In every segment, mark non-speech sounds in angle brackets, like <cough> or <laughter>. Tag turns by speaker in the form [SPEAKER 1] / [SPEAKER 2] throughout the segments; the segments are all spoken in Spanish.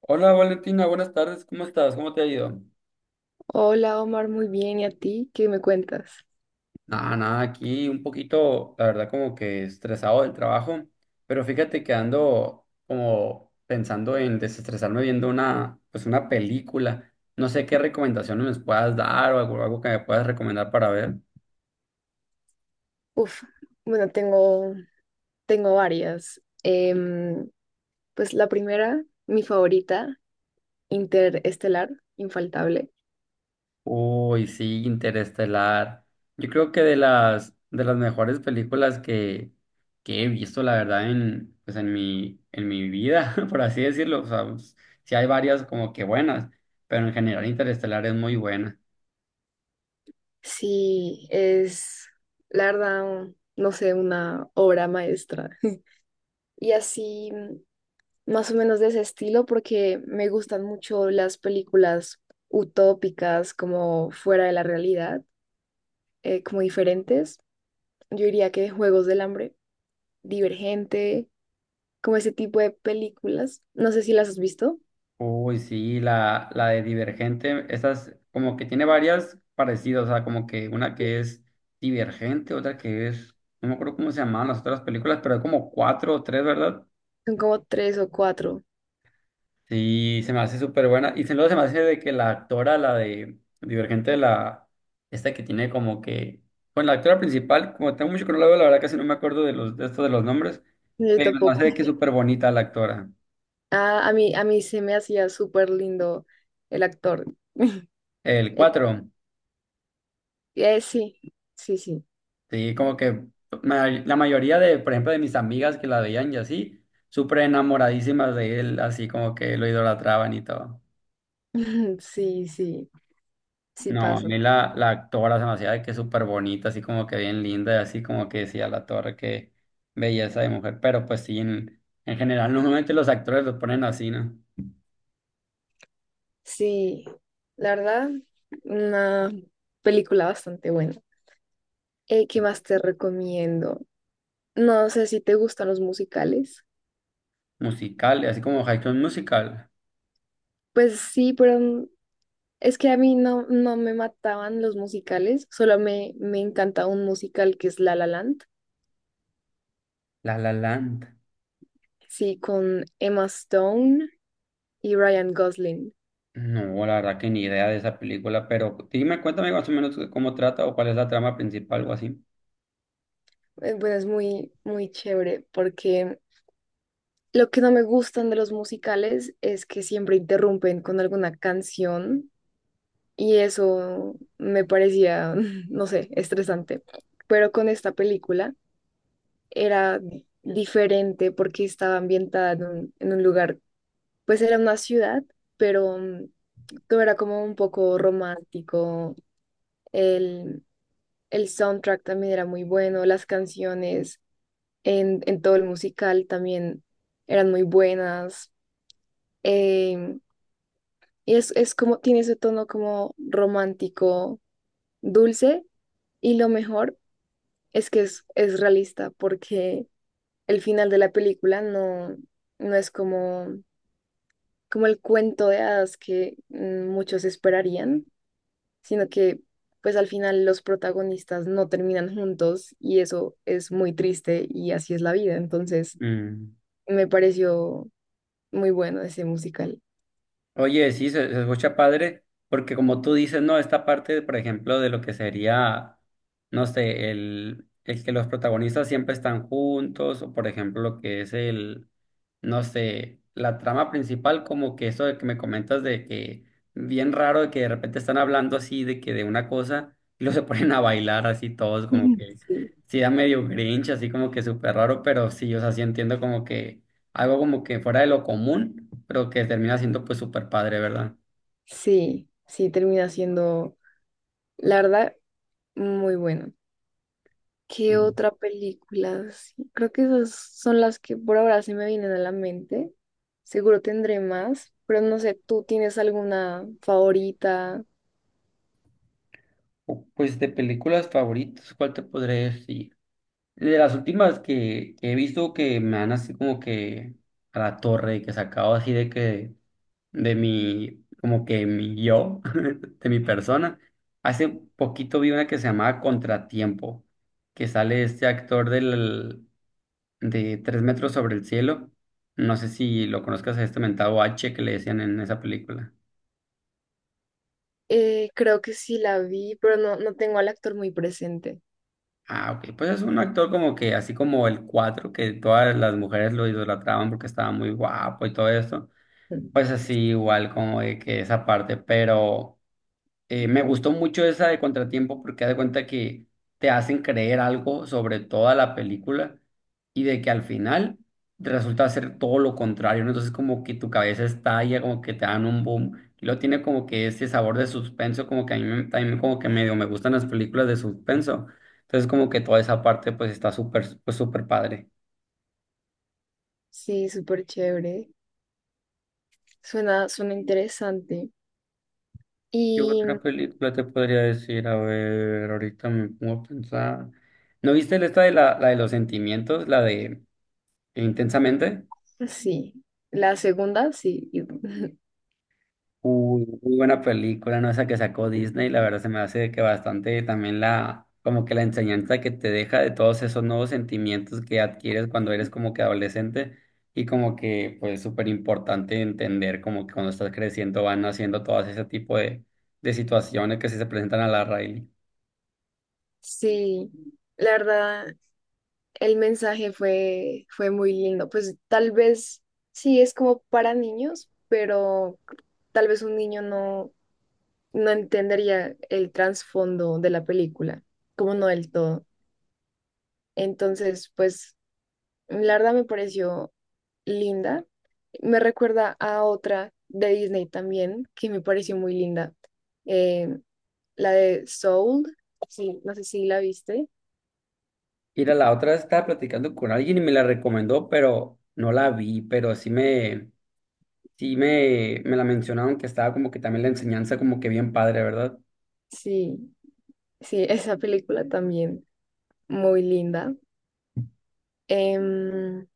[SPEAKER 1] Hola Valentina, buenas tardes, ¿cómo estás? ¿Cómo te ha ido?
[SPEAKER 2] Hola Omar, muy bien. ¿Y a ti? ¿Qué me cuentas?
[SPEAKER 1] Nada, nada, aquí un poquito, la verdad, como que estresado del trabajo, pero fíjate que ando como pensando en desestresarme viendo una, pues una película. No sé qué recomendaciones me puedas dar o algo, algo que me puedas recomendar para ver.
[SPEAKER 2] Uf, bueno, tengo varias. Pues la primera, mi favorita, Interestelar, infaltable.
[SPEAKER 1] Uy, sí, Interestelar. Yo creo que de las mejores películas que he visto, la verdad, en pues en mi vida, <laughs> por así decirlo. O sea, pues, sí hay varias como que buenas, pero en general Interestelar es muy buena.
[SPEAKER 2] Sí, es, la verdad, no sé, una obra maestra. Y así, más o menos de ese estilo, porque me gustan mucho las películas utópicas, como fuera de la realidad, como diferentes. Yo diría que Juegos del Hambre. Divergente, como ese tipo de películas. No sé si las has visto.
[SPEAKER 1] Uy, sí, la de Divergente, esas como que tiene varias parecidas, o sea, como que una que es Divergente, otra que es, no me acuerdo cómo se llamaban las otras películas, pero hay como cuatro o tres, ¿verdad?
[SPEAKER 2] Son como tres o cuatro.
[SPEAKER 1] Sí, se me hace súper buena. Y luego se me hace de que la actora, la de Divergente, la esta que tiene como que. Bueno, la actora principal, como tengo mucho que no la veo, la verdad casi no me acuerdo de los de esto de los nombres.
[SPEAKER 2] Yo
[SPEAKER 1] Pero se me
[SPEAKER 2] tampoco.
[SPEAKER 1] hace de que es súper bonita la actora.
[SPEAKER 2] Ah, a mí se me hacía súper lindo el actor. <laughs>
[SPEAKER 1] El
[SPEAKER 2] Eh,
[SPEAKER 1] cuatro,
[SPEAKER 2] sí, sí.
[SPEAKER 1] sí, como que la mayoría de, por ejemplo, de mis amigas que la veían y así, súper enamoradísimas de él, así como que lo idolatraban y todo.
[SPEAKER 2] <laughs> Sí, sí
[SPEAKER 1] No, a
[SPEAKER 2] pasa.
[SPEAKER 1] mí la actora se me hacía de que súper bonita, así como que bien linda, y así como que decía la torre que belleza de mujer, pero pues sí, en general <laughs> normalmente los actores los ponen así, ¿no?
[SPEAKER 2] Sí, la verdad, una película bastante buena. ¿Qué más te recomiendo? No sé si te gustan los musicales.
[SPEAKER 1] Musicales, así como High School Musical,
[SPEAKER 2] Pues sí, pero es que a mí no, no me mataban los musicales, solo me encanta un musical que es La La Land,
[SPEAKER 1] La La Land.
[SPEAKER 2] sí, con Emma Stone y Ryan Gosling.
[SPEAKER 1] No, la verdad que ni idea de esa película, pero dime, cuéntame más o menos cómo trata o cuál es la trama principal o así.
[SPEAKER 2] Bueno, es muy chévere porque lo que no me gustan de los musicales es que siempre interrumpen con alguna canción y eso me parecía, <laughs> no sé, estresante. Pero con esta película era diferente porque estaba ambientada en en un lugar, pues era una ciudad pero todo era como un poco romántico, el, el soundtrack también era muy bueno, las canciones en todo el musical también eran muy buenas. em, y es como, tiene ese tono como romántico, dulce, y lo mejor es que es realista, porque el final de la película no, no es como, como el cuento de hadas que muchos esperarían sino que pues al final los protagonistas no terminan juntos y eso es muy triste y así es la vida. Entonces
[SPEAKER 1] Mm.
[SPEAKER 2] me pareció muy bueno ese musical.
[SPEAKER 1] Oye, sí, se escucha padre, porque como tú dices, no, esta parte, por ejemplo, de lo que sería, no sé, el que los protagonistas siempre están juntos, o por ejemplo, lo que es el, no sé, la trama principal, como que eso de que me comentas de que bien raro de que de repente están hablando así de que de una cosa y luego se <laughs> ponen a bailar así todos, como
[SPEAKER 2] Ujú.
[SPEAKER 1] que
[SPEAKER 2] Sí,
[SPEAKER 1] sí da medio grinch, así como que súper raro, pero sí, o sea, sí entiendo como que algo como que fuera de lo común, pero que termina siendo pues súper padre, ¿verdad?
[SPEAKER 2] sí, sí, termina siendo, la verdad, muy bueno. ¿Qué
[SPEAKER 1] Sí.
[SPEAKER 2] otra película? Sí, creo que esas son las que por ahora se me vienen a la mente. Seguro tendré más, pero no sé, ¿tú tienes alguna favorita?
[SPEAKER 1] O, pues de películas favoritas, ¿cuál te podré decir? De las últimas que he visto que me han así como que a la torre, que sacado así de que de mi, como que mi yo, <laughs> de mi persona. Hace poquito vi una que se llamaba Contratiempo, que sale este actor del, de Tres metros sobre el cielo. No sé si lo conozcas a este mentado H que le decían en esa película.
[SPEAKER 2] Creo que sí la vi, pero no, no tengo al actor muy presente.
[SPEAKER 1] Ah, ok. Pues es un actor como que, así como el 4 que todas las mujeres lo idolatraban porque estaba muy guapo y todo esto. Pues así, igual como de que esa parte, pero. Me gustó mucho esa de Contratiempo porque haz de cuenta que te hacen creer algo sobre toda la película y de que al final resulta ser todo lo contrario, ¿no? Entonces como que tu cabeza estalla, como que te dan un boom y lo tiene como que ese sabor de suspenso, como que a también como que medio me gustan las películas de suspenso. Entonces como que toda esa parte pues está súper, pues súper padre.
[SPEAKER 2] Sí, súper chévere. Suena interesante.
[SPEAKER 1] ¿Qué
[SPEAKER 2] Y
[SPEAKER 1] otra película te podría decir? A ver, ahorita me pongo a pensar. ¿No viste esta de la, la de los sentimientos? La de... Intensamente.
[SPEAKER 2] sí, la segunda, sí. Y- <laughs>
[SPEAKER 1] Uy, muy buena película, ¿no? Esa que sacó Disney, la verdad se me hace que bastante también la, como que la enseñanza que te deja de todos esos nuevos sentimientos que adquieres cuando eres como que adolescente y como que pues súper importante entender como que cuando estás creciendo van haciendo todo ese tipo de situaciones que sí se presentan a la Riley.
[SPEAKER 2] Sí, la verdad, el mensaje fue muy lindo. Pues tal vez sí es como para niños, pero tal vez un niño no, no entendería el trasfondo de la película, como no del todo. Entonces, pues la verdad me pareció linda. Me recuerda a otra de Disney también, que me pareció muy linda. Eh, la de Soul. Sí, no sé si la viste.
[SPEAKER 1] Mira, la otra estaba platicando con alguien y me la recomendó, pero no la vi, pero sí me... Sí, me la mencionaron que estaba como que también la enseñanza como que bien padre, ¿verdad?
[SPEAKER 2] Sí, sí, <laughs> esa película también muy linda. Em,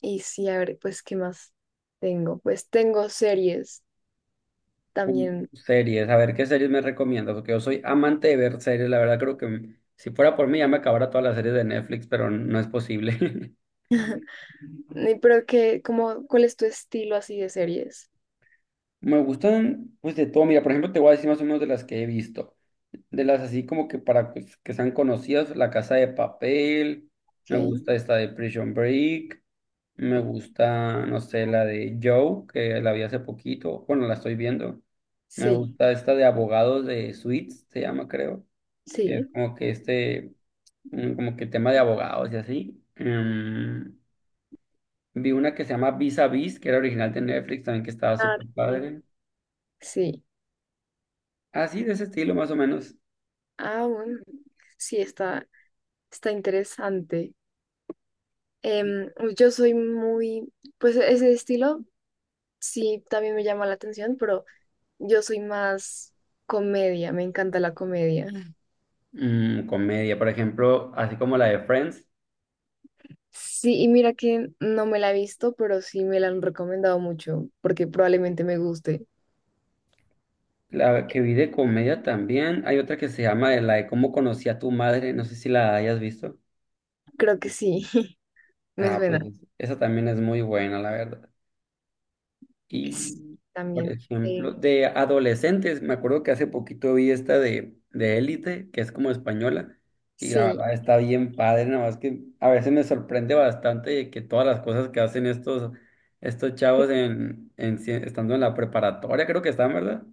[SPEAKER 2] y sí, a ver, pues, ¿qué más tengo? Pues tengo series también.
[SPEAKER 1] Series, a ver qué series me recomiendas, porque yo soy amante de ver series, la verdad creo que si fuera por mí ya me acabara todas las series de Netflix, pero no es posible.
[SPEAKER 2] Ni- Pero que, como, ¿cuál es tu estilo así de series?
[SPEAKER 1] <laughs> Me gustan pues de todo, mira, por ejemplo te voy a decir más o menos de las que he visto, de las así como que para pues, que sean conocidas, La Casa de Papel,
[SPEAKER 2] Ok,
[SPEAKER 1] me gusta esta de Prison Break. Me gusta, no sé, la de Joe, que la vi hace poquito. Bueno, la estoy viendo. Me
[SPEAKER 2] sí,
[SPEAKER 1] gusta esta de abogados de Suits, se llama, creo. Que es
[SPEAKER 2] sí.
[SPEAKER 1] como que este, como que tema de abogados y así. Vi una que se llama Vis a Vis, que era original de Netflix, también que estaba
[SPEAKER 2] Ah,
[SPEAKER 1] súper
[SPEAKER 2] también.
[SPEAKER 1] padre.
[SPEAKER 2] Sí.
[SPEAKER 1] Así, de ese estilo, más o menos.
[SPEAKER 2] Ah, bueno, sí, está interesante. Em, yo soy muy, pues ese estilo sí también me llama la atención, pero yo soy más comedia, me encanta la comedia. Mm.
[SPEAKER 1] Mm, comedia, por ejemplo, así como la de Friends.
[SPEAKER 2] Sí, y mira que no me la he visto, pero sí me la han recomendado mucho, porque probablemente me guste.
[SPEAKER 1] La que vi de comedia también. Hay otra que se llama de la de cómo conocí a tu madre. No sé si la hayas visto.
[SPEAKER 2] Creo que sí, <laughs> me
[SPEAKER 1] Ah, pues
[SPEAKER 2] suena.
[SPEAKER 1] esa también es muy buena, la verdad.
[SPEAKER 2] Es-
[SPEAKER 1] Y, por
[SPEAKER 2] también,
[SPEAKER 1] ejemplo, de adolescentes, me acuerdo que hace poquito vi esta de Élite, que es como española, y la
[SPEAKER 2] sí,
[SPEAKER 1] verdad está bien padre, nada más que a veces me sorprende bastante de que todas las cosas que hacen estos, estos chavos en, si- estando en la preparatoria, creo que están, ¿verdad?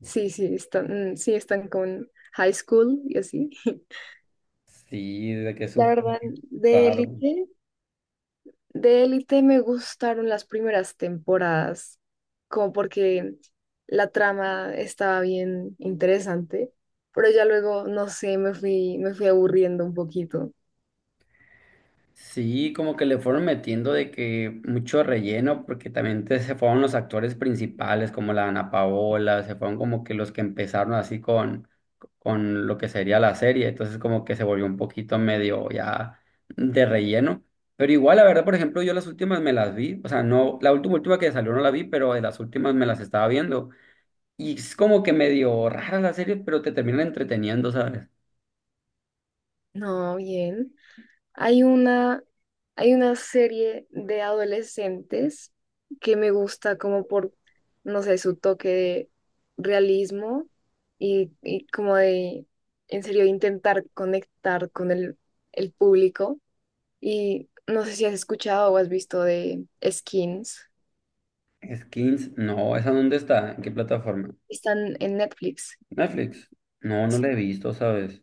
[SPEAKER 2] sí, sí, están, sí, están con High School y así. <laughs>
[SPEAKER 1] Sí, de que es
[SPEAKER 2] La
[SPEAKER 1] súper
[SPEAKER 2] verdad, de
[SPEAKER 1] raro.
[SPEAKER 2] Élite, de Élite me gustaron las primeras temporadas, como porque la trama estaba bien interesante, pero ya luego, no sé, me fui aburriendo un poquito.
[SPEAKER 1] Sí, como que le fueron metiendo de que mucho relleno, porque también se fueron los actores principales, como la Ana Paola, se fueron como que los que empezaron así con lo que sería la serie, entonces como que se volvió un poquito medio ya de relleno. Pero igual, la verdad, por ejemplo, yo las últimas me las vi, o sea, no, la última última que salió no la vi, pero de las últimas me las estaba viendo. Y es como que medio rara la serie, pero te terminan entreteniendo, ¿sabes?
[SPEAKER 2] No, bien. Hay una, Hay una serie de adolescentes que me gusta como por, no sé, su toque de realismo y como de, en serio, intentar conectar con el público. Y no sé si has escuchado o has visto de Skins.
[SPEAKER 1] Skins, no, ¿esa dónde está? ¿En qué plataforma?
[SPEAKER 2] Están en Netflix.
[SPEAKER 1] Netflix. No, no la he visto, ¿sabes?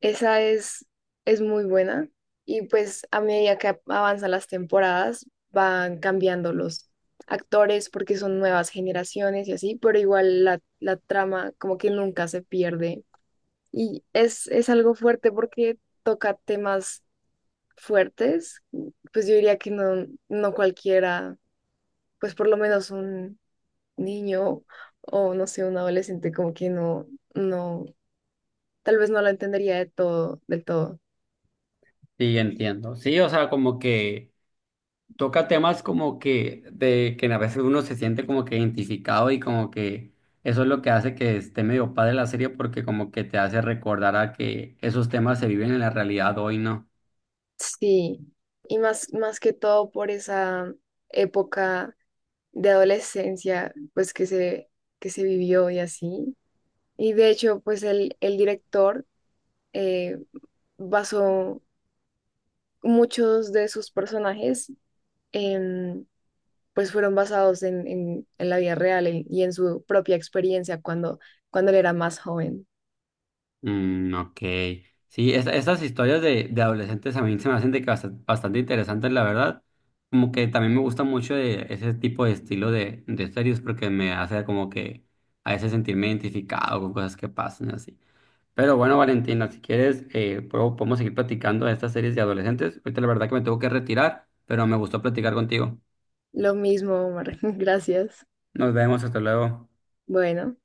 [SPEAKER 2] Esa es muy buena y pues a medida que avanzan las temporadas van cambiando los actores porque son nuevas generaciones y así, pero igual la, la trama como que nunca se pierde y es algo fuerte porque toca temas fuertes, pues yo diría que no, no cualquiera, pues por lo menos un niño o no sé, un adolescente como que no, no, tal vez no lo entendería de todo, del todo.
[SPEAKER 1] Sí, entiendo. Sí, o sea, como que toca temas como que de que a veces uno se siente como que identificado y como que eso es lo que hace que esté medio padre la serie porque como que te hace recordar a que esos temas se viven en la realidad hoy, ¿no?
[SPEAKER 2] Sí, y más, más que todo por esa época de adolescencia, pues que se vivió y así. Y de hecho, pues el director eh, basó muchos de sus personajes, en, pues fueron basados en, en la vida real en- y en su propia experiencia cuando él era más joven.
[SPEAKER 1] Mm, ok. Sí, esas historias de adolescentes a mí se me hacen de que bastante, interesantes, la verdad. Como que también me gusta mucho de ese tipo de estilo de series porque me hace como que a veces sentirme identificado con cosas que pasan así. Pero bueno, Valentina, si quieres, podemos seguir platicando de estas series de adolescentes. Ahorita la verdad que me tengo que retirar, pero me gustó platicar contigo.
[SPEAKER 2] Lo mismo, Omar. <laughs> Gracias.
[SPEAKER 1] Nos vemos, hasta luego.
[SPEAKER 2] Bueno.